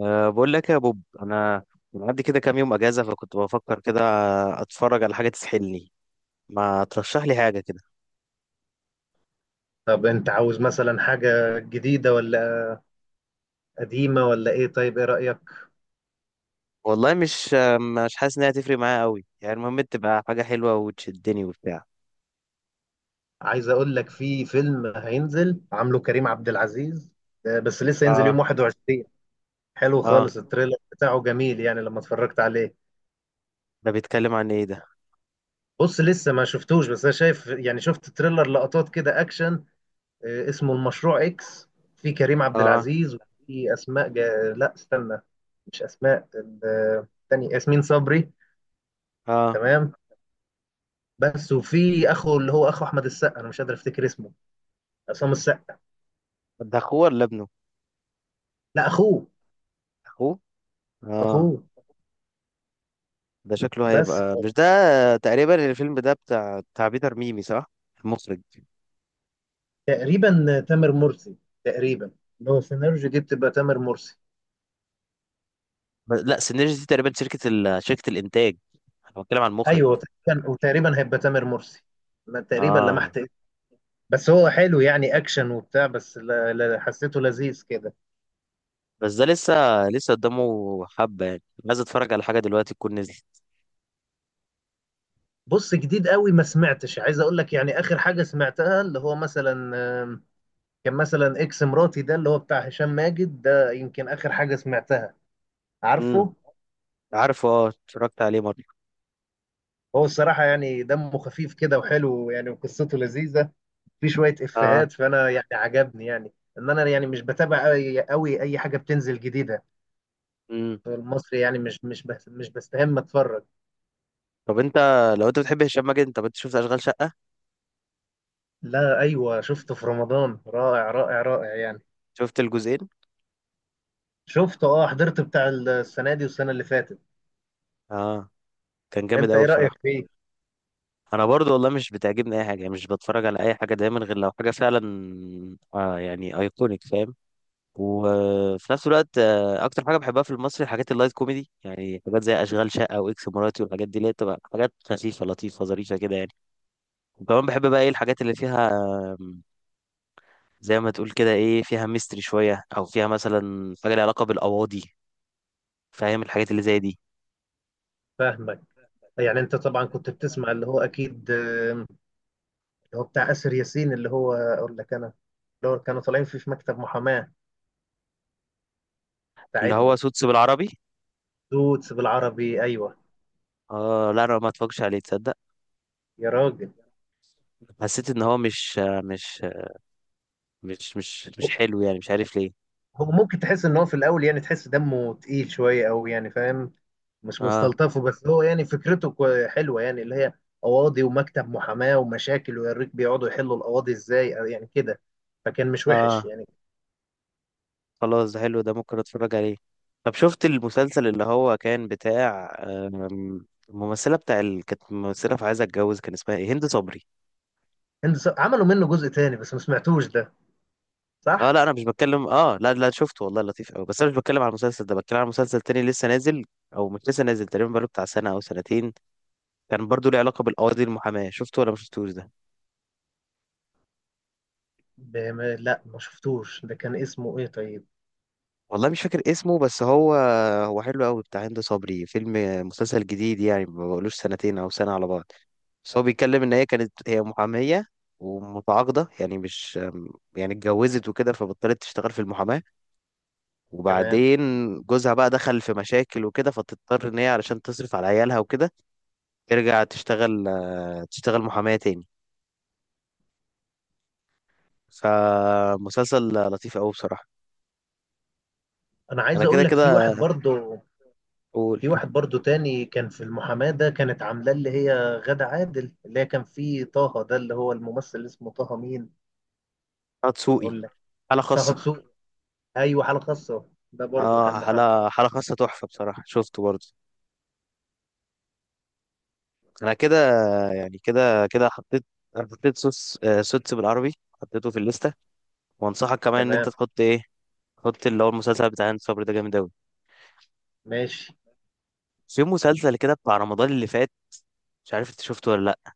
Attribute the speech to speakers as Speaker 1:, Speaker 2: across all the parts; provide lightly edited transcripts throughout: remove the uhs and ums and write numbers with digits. Speaker 1: أه، بقول لك يا بوب، انا معدي كده كام يوم اجازه، فكنت بفكر كده اتفرج على حاجه تسحلني. ما ترشح لي حاجه كده؟
Speaker 2: طب انت عاوز مثلا حاجة جديدة ولا قديمة ولا ايه؟ طيب ايه رأيك؟
Speaker 1: والله مش حاسس انها تفرق معايا قوي، يعني المهم تبقى حاجه حلوه وتشدني وبتاع.
Speaker 2: عايز اقول لك في فيلم هينزل عامله كريم عبد العزيز، بس لسه هينزل
Speaker 1: اه.
Speaker 2: يوم 21. حلو
Speaker 1: اه،
Speaker 2: خالص، التريلر بتاعه جميل يعني لما اتفرجت عليه.
Speaker 1: ده بيتكلم عن ايه ده؟
Speaker 2: بص لسه ما شفتوش، بس انا شايف يعني شفت تريلر لقطات كده اكشن. اسمه المشروع اكس. في كريم عبد
Speaker 1: اه.
Speaker 2: العزيز وفي اسماء لا استنى، مش اسماء تاني ياسمين صبري.
Speaker 1: اه،
Speaker 2: تمام. بس وفي اخو، اللي هو اخو احمد السقا، انا مش قادر افتكر اسمه. عصام السقا.
Speaker 1: ده اخوه ولا ابنه؟
Speaker 2: لا اخوه،
Speaker 1: اخوه؟ اه.
Speaker 2: اخوه
Speaker 1: ده شكله
Speaker 2: بس.
Speaker 1: هيبقى مش ده. تقريبا الفيلم ده بتاع بيتر ميمي، صح؟ المخرج.
Speaker 2: تقريبا تامر مرسي، تقريبا. لو سيناريو دي بتبقى تامر مرسي.
Speaker 1: لا، سينرجي دي تقريبا شركه الانتاج. انا بتكلم عن المخرج.
Speaker 2: ايوه تقريبا، وتقريبا هيبقى تامر مرسي، انا تقريبا
Speaker 1: اه.
Speaker 2: لمحت اسمه. بس هو حلو يعني اكشن وبتاع، بس لا لا، حسيته لذيذ كده.
Speaker 1: بس ده لسه، لسه قدامه حبة يعني. عايز اتفرج على حاجة دلوقتي تكون نزلت.
Speaker 2: بص جديد قوي ما سمعتش، عايز اقول لك يعني اخر حاجه سمعتها اللي هو مثلا آم، كان مثلا اكس مراتي، ده اللي هو بتاع هشام ماجد، ده يمكن اخر حاجه سمعتها.
Speaker 1: امم.
Speaker 2: عارفه؟
Speaker 1: عارفه، اه اتفرجت عليه مرة.
Speaker 2: هو الصراحه يعني دمه خفيف كده وحلو يعني، وقصته لذيذه، في شويه
Speaker 1: اه.
Speaker 2: افيهات، فانا يعني عجبني يعني. ان انا يعني مش بتابع قوي قوي اي حاجه بتنزل جديده
Speaker 1: امم.
Speaker 2: في المصري، يعني مش بس مش بستهم اتفرج.
Speaker 1: طب انت، لو انت بتحب هشام ماجد، انت شفت اشغال شقة؟
Speaker 2: لا ايوه، شفته في رمضان، رائع رائع رائع يعني.
Speaker 1: شفت الجزئين؟
Speaker 2: شفته، اه، حضرت بتاع السنه دي والسنه اللي فاتت.
Speaker 1: اه. كان جامد
Speaker 2: انت
Speaker 1: قوي
Speaker 2: ايه رايك
Speaker 1: بصراحة.
Speaker 2: فيه؟
Speaker 1: انا برضو والله مش بتعجبني اي حاجة، يعني مش بتفرج على اي حاجة دايما غير لو حاجة فعلا يعني ايكونيك، فاهم؟ وفي نفس الوقت، اكتر حاجة بحبها في المصري حاجات اللايت كوميدي، يعني حاجات زي اشغال شقة واكس مراتي والحاجات دي، اللي هي بتبقى حاجات خفيفة لطيفة ظريفة كده يعني. وكمان بحب بقى ايه الحاجات اللي فيها، آم، زي ما تقول كده، ايه، فيها ميستري شوية، او فيها مثلا حاجة ليها علاقة بالقواضي. فاهم الحاجات اللي زي دي؟
Speaker 2: فاهمك. يعني انت طبعا كنت بتسمع اللي هو اكيد، اللي هو بتاع اسر ياسين، اللي هو اقول لك انا، اللي هو كانوا طالعين فيه في مكتب محاماه.
Speaker 1: اللي هو
Speaker 2: ساعدني.
Speaker 1: سوتس بالعربي.
Speaker 2: دوتس بالعربي، ايوه.
Speaker 1: اه لا، انا ما اتفرجش عليه، تصدق.
Speaker 2: يا راجل.
Speaker 1: حسيت ان هو مش مش حلو يعني، مش عارف ليه.
Speaker 2: هو ممكن تحس ان هو في الاول يعني تحس دمه تقيل شويه قوي، يعني فاهم، مش
Speaker 1: اه.
Speaker 2: مستلطفه، بس هو يعني فكرته حلوه يعني، اللي هي قواضي ومكتب محاماه ومشاكل، ويوريك بيقعدوا يحلوا القواضي ازاي أو يعني كده. فكان مش وحش
Speaker 1: اه،
Speaker 2: يعني.
Speaker 1: خلاص، ده حلو، ده ممكن اتفرج عليه. طب شفت المسلسل اللي هو كان بتاع، الممثلة بتاع كانت ممثلة في عايزة اتجوز، كان اسمها ايه، هند صبري.
Speaker 2: هند عملوا منه جزء تاني بس ما سمعتوش ده،
Speaker 1: اه
Speaker 2: صح؟
Speaker 1: لا، انا مش بتكلم، اه لا لا، شفته والله لطيف قوي، بس انا مش بتكلم على المسلسل ده، بتكلم على مسلسل تاني لسه نازل، او مش لسه نازل، تقريبا بقاله بتاع سنه او سنتين. كان برضو ليه علاقه بالقواضي المحاماه، شفته ولا ما شفتوش ده؟
Speaker 2: لا ما شفتوش ده، كان اسمه ايه طيب؟
Speaker 1: والله مش فاكر اسمه، بس هو حلو قوي بتاع هند صبري. فيلم، مسلسل جديد يعني، ما بقولوش سنتين او سنه على بعض. بس هو بيتكلم ان هي كانت هي محاميه ومتعاقده، يعني مش، يعني اتجوزت وكده فبطلت تشتغل في المحاماه،
Speaker 2: تمام.
Speaker 1: وبعدين جوزها بقى دخل في مشاكل وكده، فتضطر ان هي علشان تصرف على عيالها وكده ترجع تشتغل، تشتغل محامية تاني. فمسلسل لطيف أوي بصراحة.
Speaker 2: انا
Speaker 1: أنا
Speaker 2: عايز
Speaker 1: كده
Speaker 2: اقول لك
Speaker 1: كده أقول،
Speaker 2: في واحد برضو تاني كان في المحاماه، ده كانت عاملاه اللي هي غادة عادل، اللي هي كان فيه طه ده، اللي هو الممثل اللي اسمه طه مين،
Speaker 1: هتسوقي
Speaker 2: اقول لك،
Speaker 1: حالة
Speaker 2: طه
Speaker 1: خاصة.
Speaker 2: دسوقي. ايوه حاله خاصه، ده برضو كان
Speaker 1: اه،
Speaker 2: محمد.
Speaker 1: حالة خاصة، تحفة بصراحة، شفته برضه. أنا كده، يعني كده كده، حطيت، حطيت سوس آه، سوتس بالعربي، حطيته في الليستة. وأنصحك كمان إن أنت
Speaker 2: تمام.
Speaker 1: تحط إيه، تحط اللي هو المسلسل بتاع هند صبري ده، جامد أوي.
Speaker 2: ماشي.
Speaker 1: في مسلسل كده بتاع رمضان اللي فات، مش عارف أنت شفته ولا لأ،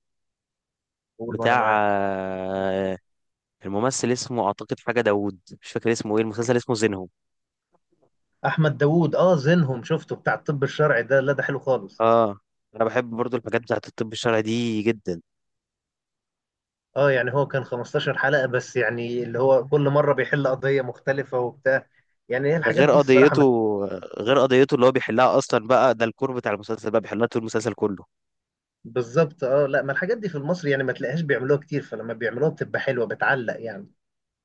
Speaker 2: قول وانا
Speaker 1: بتاع،
Speaker 2: معاك.
Speaker 1: الممثل اسمه أعتقد حاجة داوود، مش فاكر اسمه إيه، المسلسل اسمه زينهم.
Speaker 2: احمد داوود، اه زينهم، شفته بتاع الطب الشرعي ده، لا ده حلو خالص.
Speaker 1: اه. انا بحب برضو الحاجات بتاعت الطب الشرعي دي جدا.
Speaker 2: اه يعني هو كان 15 حلقه بس، يعني اللي هو كل مره بيحل قضيه مختلفه وبتاع، يعني هي الحاجات
Speaker 1: غير
Speaker 2: دي الصراحه
Speaker 1: قضيته
Speaker 2: ما...
Speaker 1: غير قضيته اللي هو بيحلها اصلا بقى، ده الكور بتاع المسلسل بقى، بيحلها طول المسلسل كله.
Speaker 2: بالظبط. اه لا، ما الحاجات دي في المصري يعني ما تلاقيهاش بيعملوها كتير، فلما بيعملوها بتبقى حلوه، بتعلق يعني.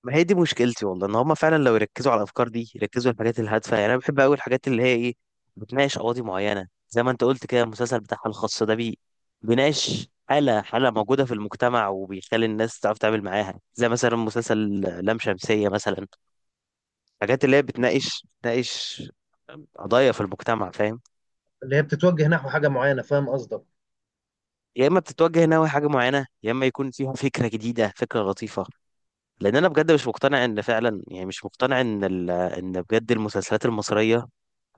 Speaker 1: ما هي دي مشكلتي والله، ان هما فعلا لو يركزوا على الافكار دي، يركزوا على الحاجات الهادفه يعني. انا بحب قوي الحاجات اللي هي ايه، قواضي معينه. زي ما انت قلت كده، المسلسل بتاعها الخاص ده، بيناقش حاله موجوده في المجتمع، وبيخلي الناس تعرف تتعامل معاها، زي مثلا مسلسل لام شمسيه مثلا. الحاجات اللي هي بتناقش قضايا في المجتمع، فاهم؟
Speaker 2: اللي هي بتتوجه نحو حاجه معينه، فاهم قصدك.
Speaker 1: يا اما بتتوجه ناوي حاجه معينه، يا اما يكون فيها فكره جديده، فكره لطيفه. لان انا بجد مش مقتنع ان فعلا، يعني مش مقتنع ان ان بجد المسلسلات المصريه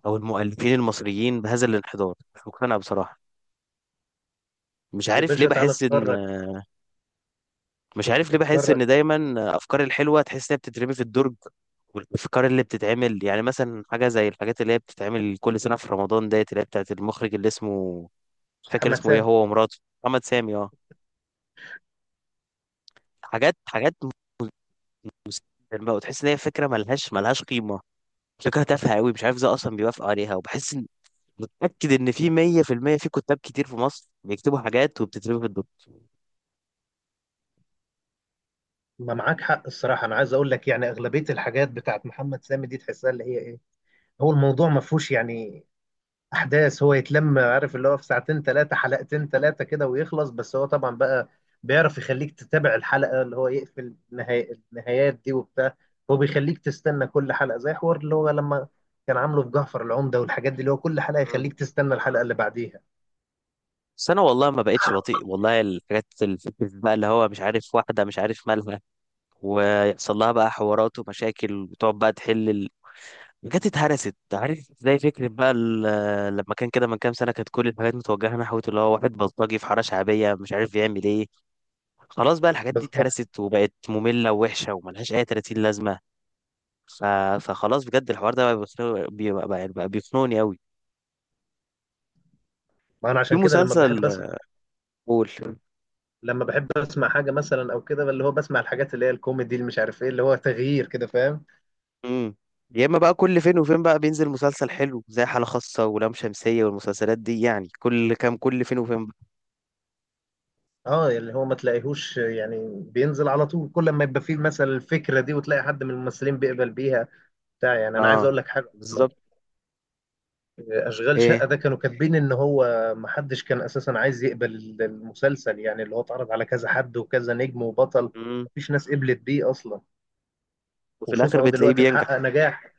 Speaker 1: او المؤلفين المصريين بهذا الانحدار، مش مقتنع بصراحه. مش
Speaker 2: يا
Speaker 1: عارف ليه
Speaker 2: باشا تعالى
Speaker 1: بحس ان
Speaker 2: اتفرج،
Speaker 1: مش عارف ليه بحس
Speaker 2: اتفرج.
Speaker 1: ان دايما افكار الحلوه تحس انها بتترمي في الدرج. والافكار اللي بتتعمل يعني، مثلا حاجه زي الحاجات اللي هي بتتعمل كل سنه في رمضان ديت، اللي هي بتاعت المخرج اللي اسمه، مش فاكر
Speaker 2: محمد
Speaker 1: اسمه ايه،
Speaker 2: سامي.
Speaker 1: هو ومراته محمد سامي. اه. حاجات الماء، وتحس ان هي فكره ملهاش قيمه، فكره تافهه قوي، مش عارف ازاي اصلا بيوافقوا عليها. وبحس ان، متاكد ان في 100% في المية في كتاب كتير في مصر بيكتبوا حاجات وبتترمي في الدكتور.
Speaker 2: ما معاك حق، الصراحة أنا عايز أقول لك يعني أغلبية الحاجات بتاعت محمد سامي دي تحسها اللي هي إيه، هو الموضوع ما فيهوش يعني أحداث، هو يتلم عارف اللي هو في ساعتين ثلاثة، حلقتين ثلاثة كده ويخلص. بس هو طبعا بقى بيعرف يخليك تتابع الحلقة، اللي هو يقفل النهايات دي وبتاع. هو بيخليك تستنى كل حلقة، زي حوار اللي هو لما كان عامله في جعفر العمدة، والحاجات دي اللي هو كل حلقة
Speaker 1: مم.
Speaker 2: يخليك تستنى الحلقة اللي بعديها.
Speaker 1: بس انا والله ما بقتش بطيء والله. الحاجات الفكره بقى اللي هو مش عارف واحده، مش عارف مالها، ويحصل لها بقى حوارات ومشاكل، وتقعد بقى تحل الحاجات اتهرست، عارف. زي فكره بقى لما كان كده من كام سنه، كانت كل الحاجات متوجهه نحو اللي هو واحد بلطجي في حاره شعبيه مش عارف يعمل ايه. خلاص بقى الحاجات دي
Speaker 2: بالظبط.
Speaker 1: اتهرست، وبقت مملة ووحشة وملهاش أي 30 لازمة. ف... فخلاص بجد، الحوار ده بقى بيخنق... بيبقى بقى بقى بيخنقني قوي.
Speaker 2: ما أنا
Speaker 1: في
Speaker 2: عشان كده
Speaker 1: مسلسل، قول.
Speaker 2: لما بحب اسمع حاجه مثلا او كده، اللي هو بسمع الحاجات اللي هي الكوميدي، اللي مش عارف ايه، اللي هو تغيير كده، فاهم.
Speaker 1: امم. يا اما بقى كل فين وفين بقى بينزل مسلسل حلو زي حالة خاصة ولام شمسية والمسلسلات دي يعني، كل كام، كل فين وفين بقى.
Speaker 2: اه اللي هو ما تلاقيهوش يعني بينزل على طول، كل ما يبقى فيه مثلا الفكره دي، وتلاقي حد من الممثلين بيقبل بيها بتاع يعني انا عايز
Speaker 1: اه،
Speaker 2: اقول لك حاجه اصلا،
Speaker 1: بالظبط.
Speaker 2: اشغال شقه
Speaker 1: ايه.
Speaker 2: ده كانوا كاتبين ان هو ما حدش كان اساسا عايز يقبل المسلسل، يعني اللي هو اتعرض على كذا حد وكذا نجم وبطل،
Speaker 1: امم.
Speaker 2: مفيش ناس قبلت بيه اصلا.
Speaker 1: وفي
Speaker 2: وشوف
Speaker 1: الاخر
Speaker 2: اهو
Speaker 1: بتلاقيه
Speaker 2: دلوقتي
Speaker 1: بينجح.
Speaker 2: محقق نجاح.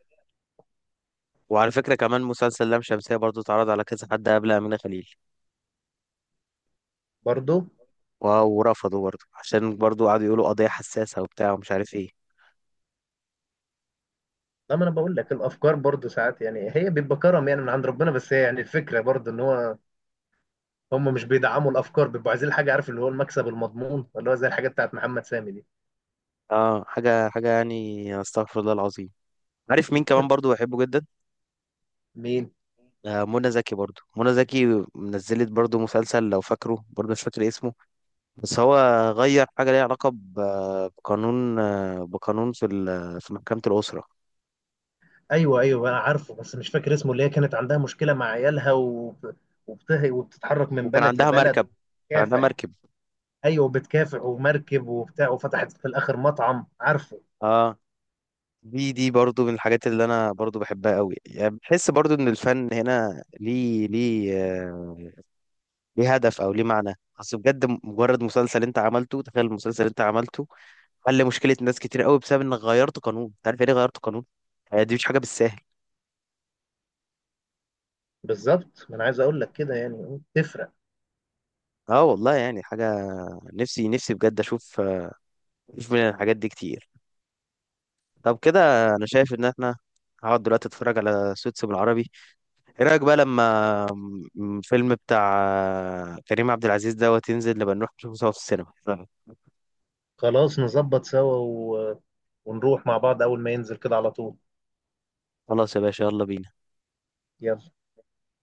Speaker 1: وعلى فكرة كمان مسلسل لام شمسية برضو اتعرض على كذا حد قبل أمينة خليل.
Speaker 2: برضه.
Speaker 1: و- ورفضوا برضو، عشان برضو قعدوا يقولوا قضية حساسة وبتاع ومش عارف ايه.
Speaker 2: لا ما انا بقول لك الافكار برضو ساعات، يعني هي بيبقى كرم يعني من عند ربنا، بس هي يعني الفكره برضو ان هو هم مش بيدعموا الافكار، بيبقوا عايزين حاجه عارف اللي هو المكسب المضمون، اللي هو زي الحاجات بتاعت محمد سامي دي.
Speaker 1: اه، حاجة يعني، استغفر الله العظيم. عارف مين كمان برضو بحبه جدا؟
Speaker 2: مين؟
Speaker 1: منى زكي. برضو منى زكي نزلت برضو مسلسل لو فاكره، برضو مش فاكر اسمه، بس هو غير حاجة ليها علاقة بقانون في في محكمة الأسرة.
Speaker 2: ايوه ايوه انا عارفه، بس مش فاكر اسمه. اللي هي كانت عندها مشكله مع عيالها وبتتحرك من
Speaker 1: وكان
Speaker 2: بلد
Speaker 1: عندها
Speaker 2: لبلد
Speaker 1: مركب كان عندها
Speaker 2: وبتكافح.
Speaker 1: مركب.
Speaker 2: ايوه بتكافح ومركب وبتاع، وفتحت في الاخر مطعم، عارفه.
Speaker 1: اه. دي برضو من الحاجات اللي انا برضو بحبها قوي يعني، بحس برضو ان الفن هنا ليه هدف او ليه معنى. اصل بجد مجرد مسلسل انت عملته، تخيل المسلسل اللي انت عملته حل مشكله ناس كتير قوي بسبب انك غيرت قانون، انت عارف يعني ايه غيرت قانون؟ دي مش حاجه بالساهل.
Speaker 2: بالظبط، ما انا عايز اقول لك كده، يعني تفرق.
Speaker 1: اه والله، يعني حاجه، نفسي بجد اشوف من الحاجات دي كتير. طب كده، انا شايف ان احنا، هقعد دلوقتي اتفرج على سوتس بالعربي. ايه رايك بقى لما الفيلم بتاع، كريم عبد العزيز دوت، ينزل نبقى نروح نشوفه سوا في السينما؟
Speaker 2: خلاص نظبط سوا ونروح مع بعض اول ما ينزل كده على طول.
Speaker 1: خلاص يا باشا، يلا بينا.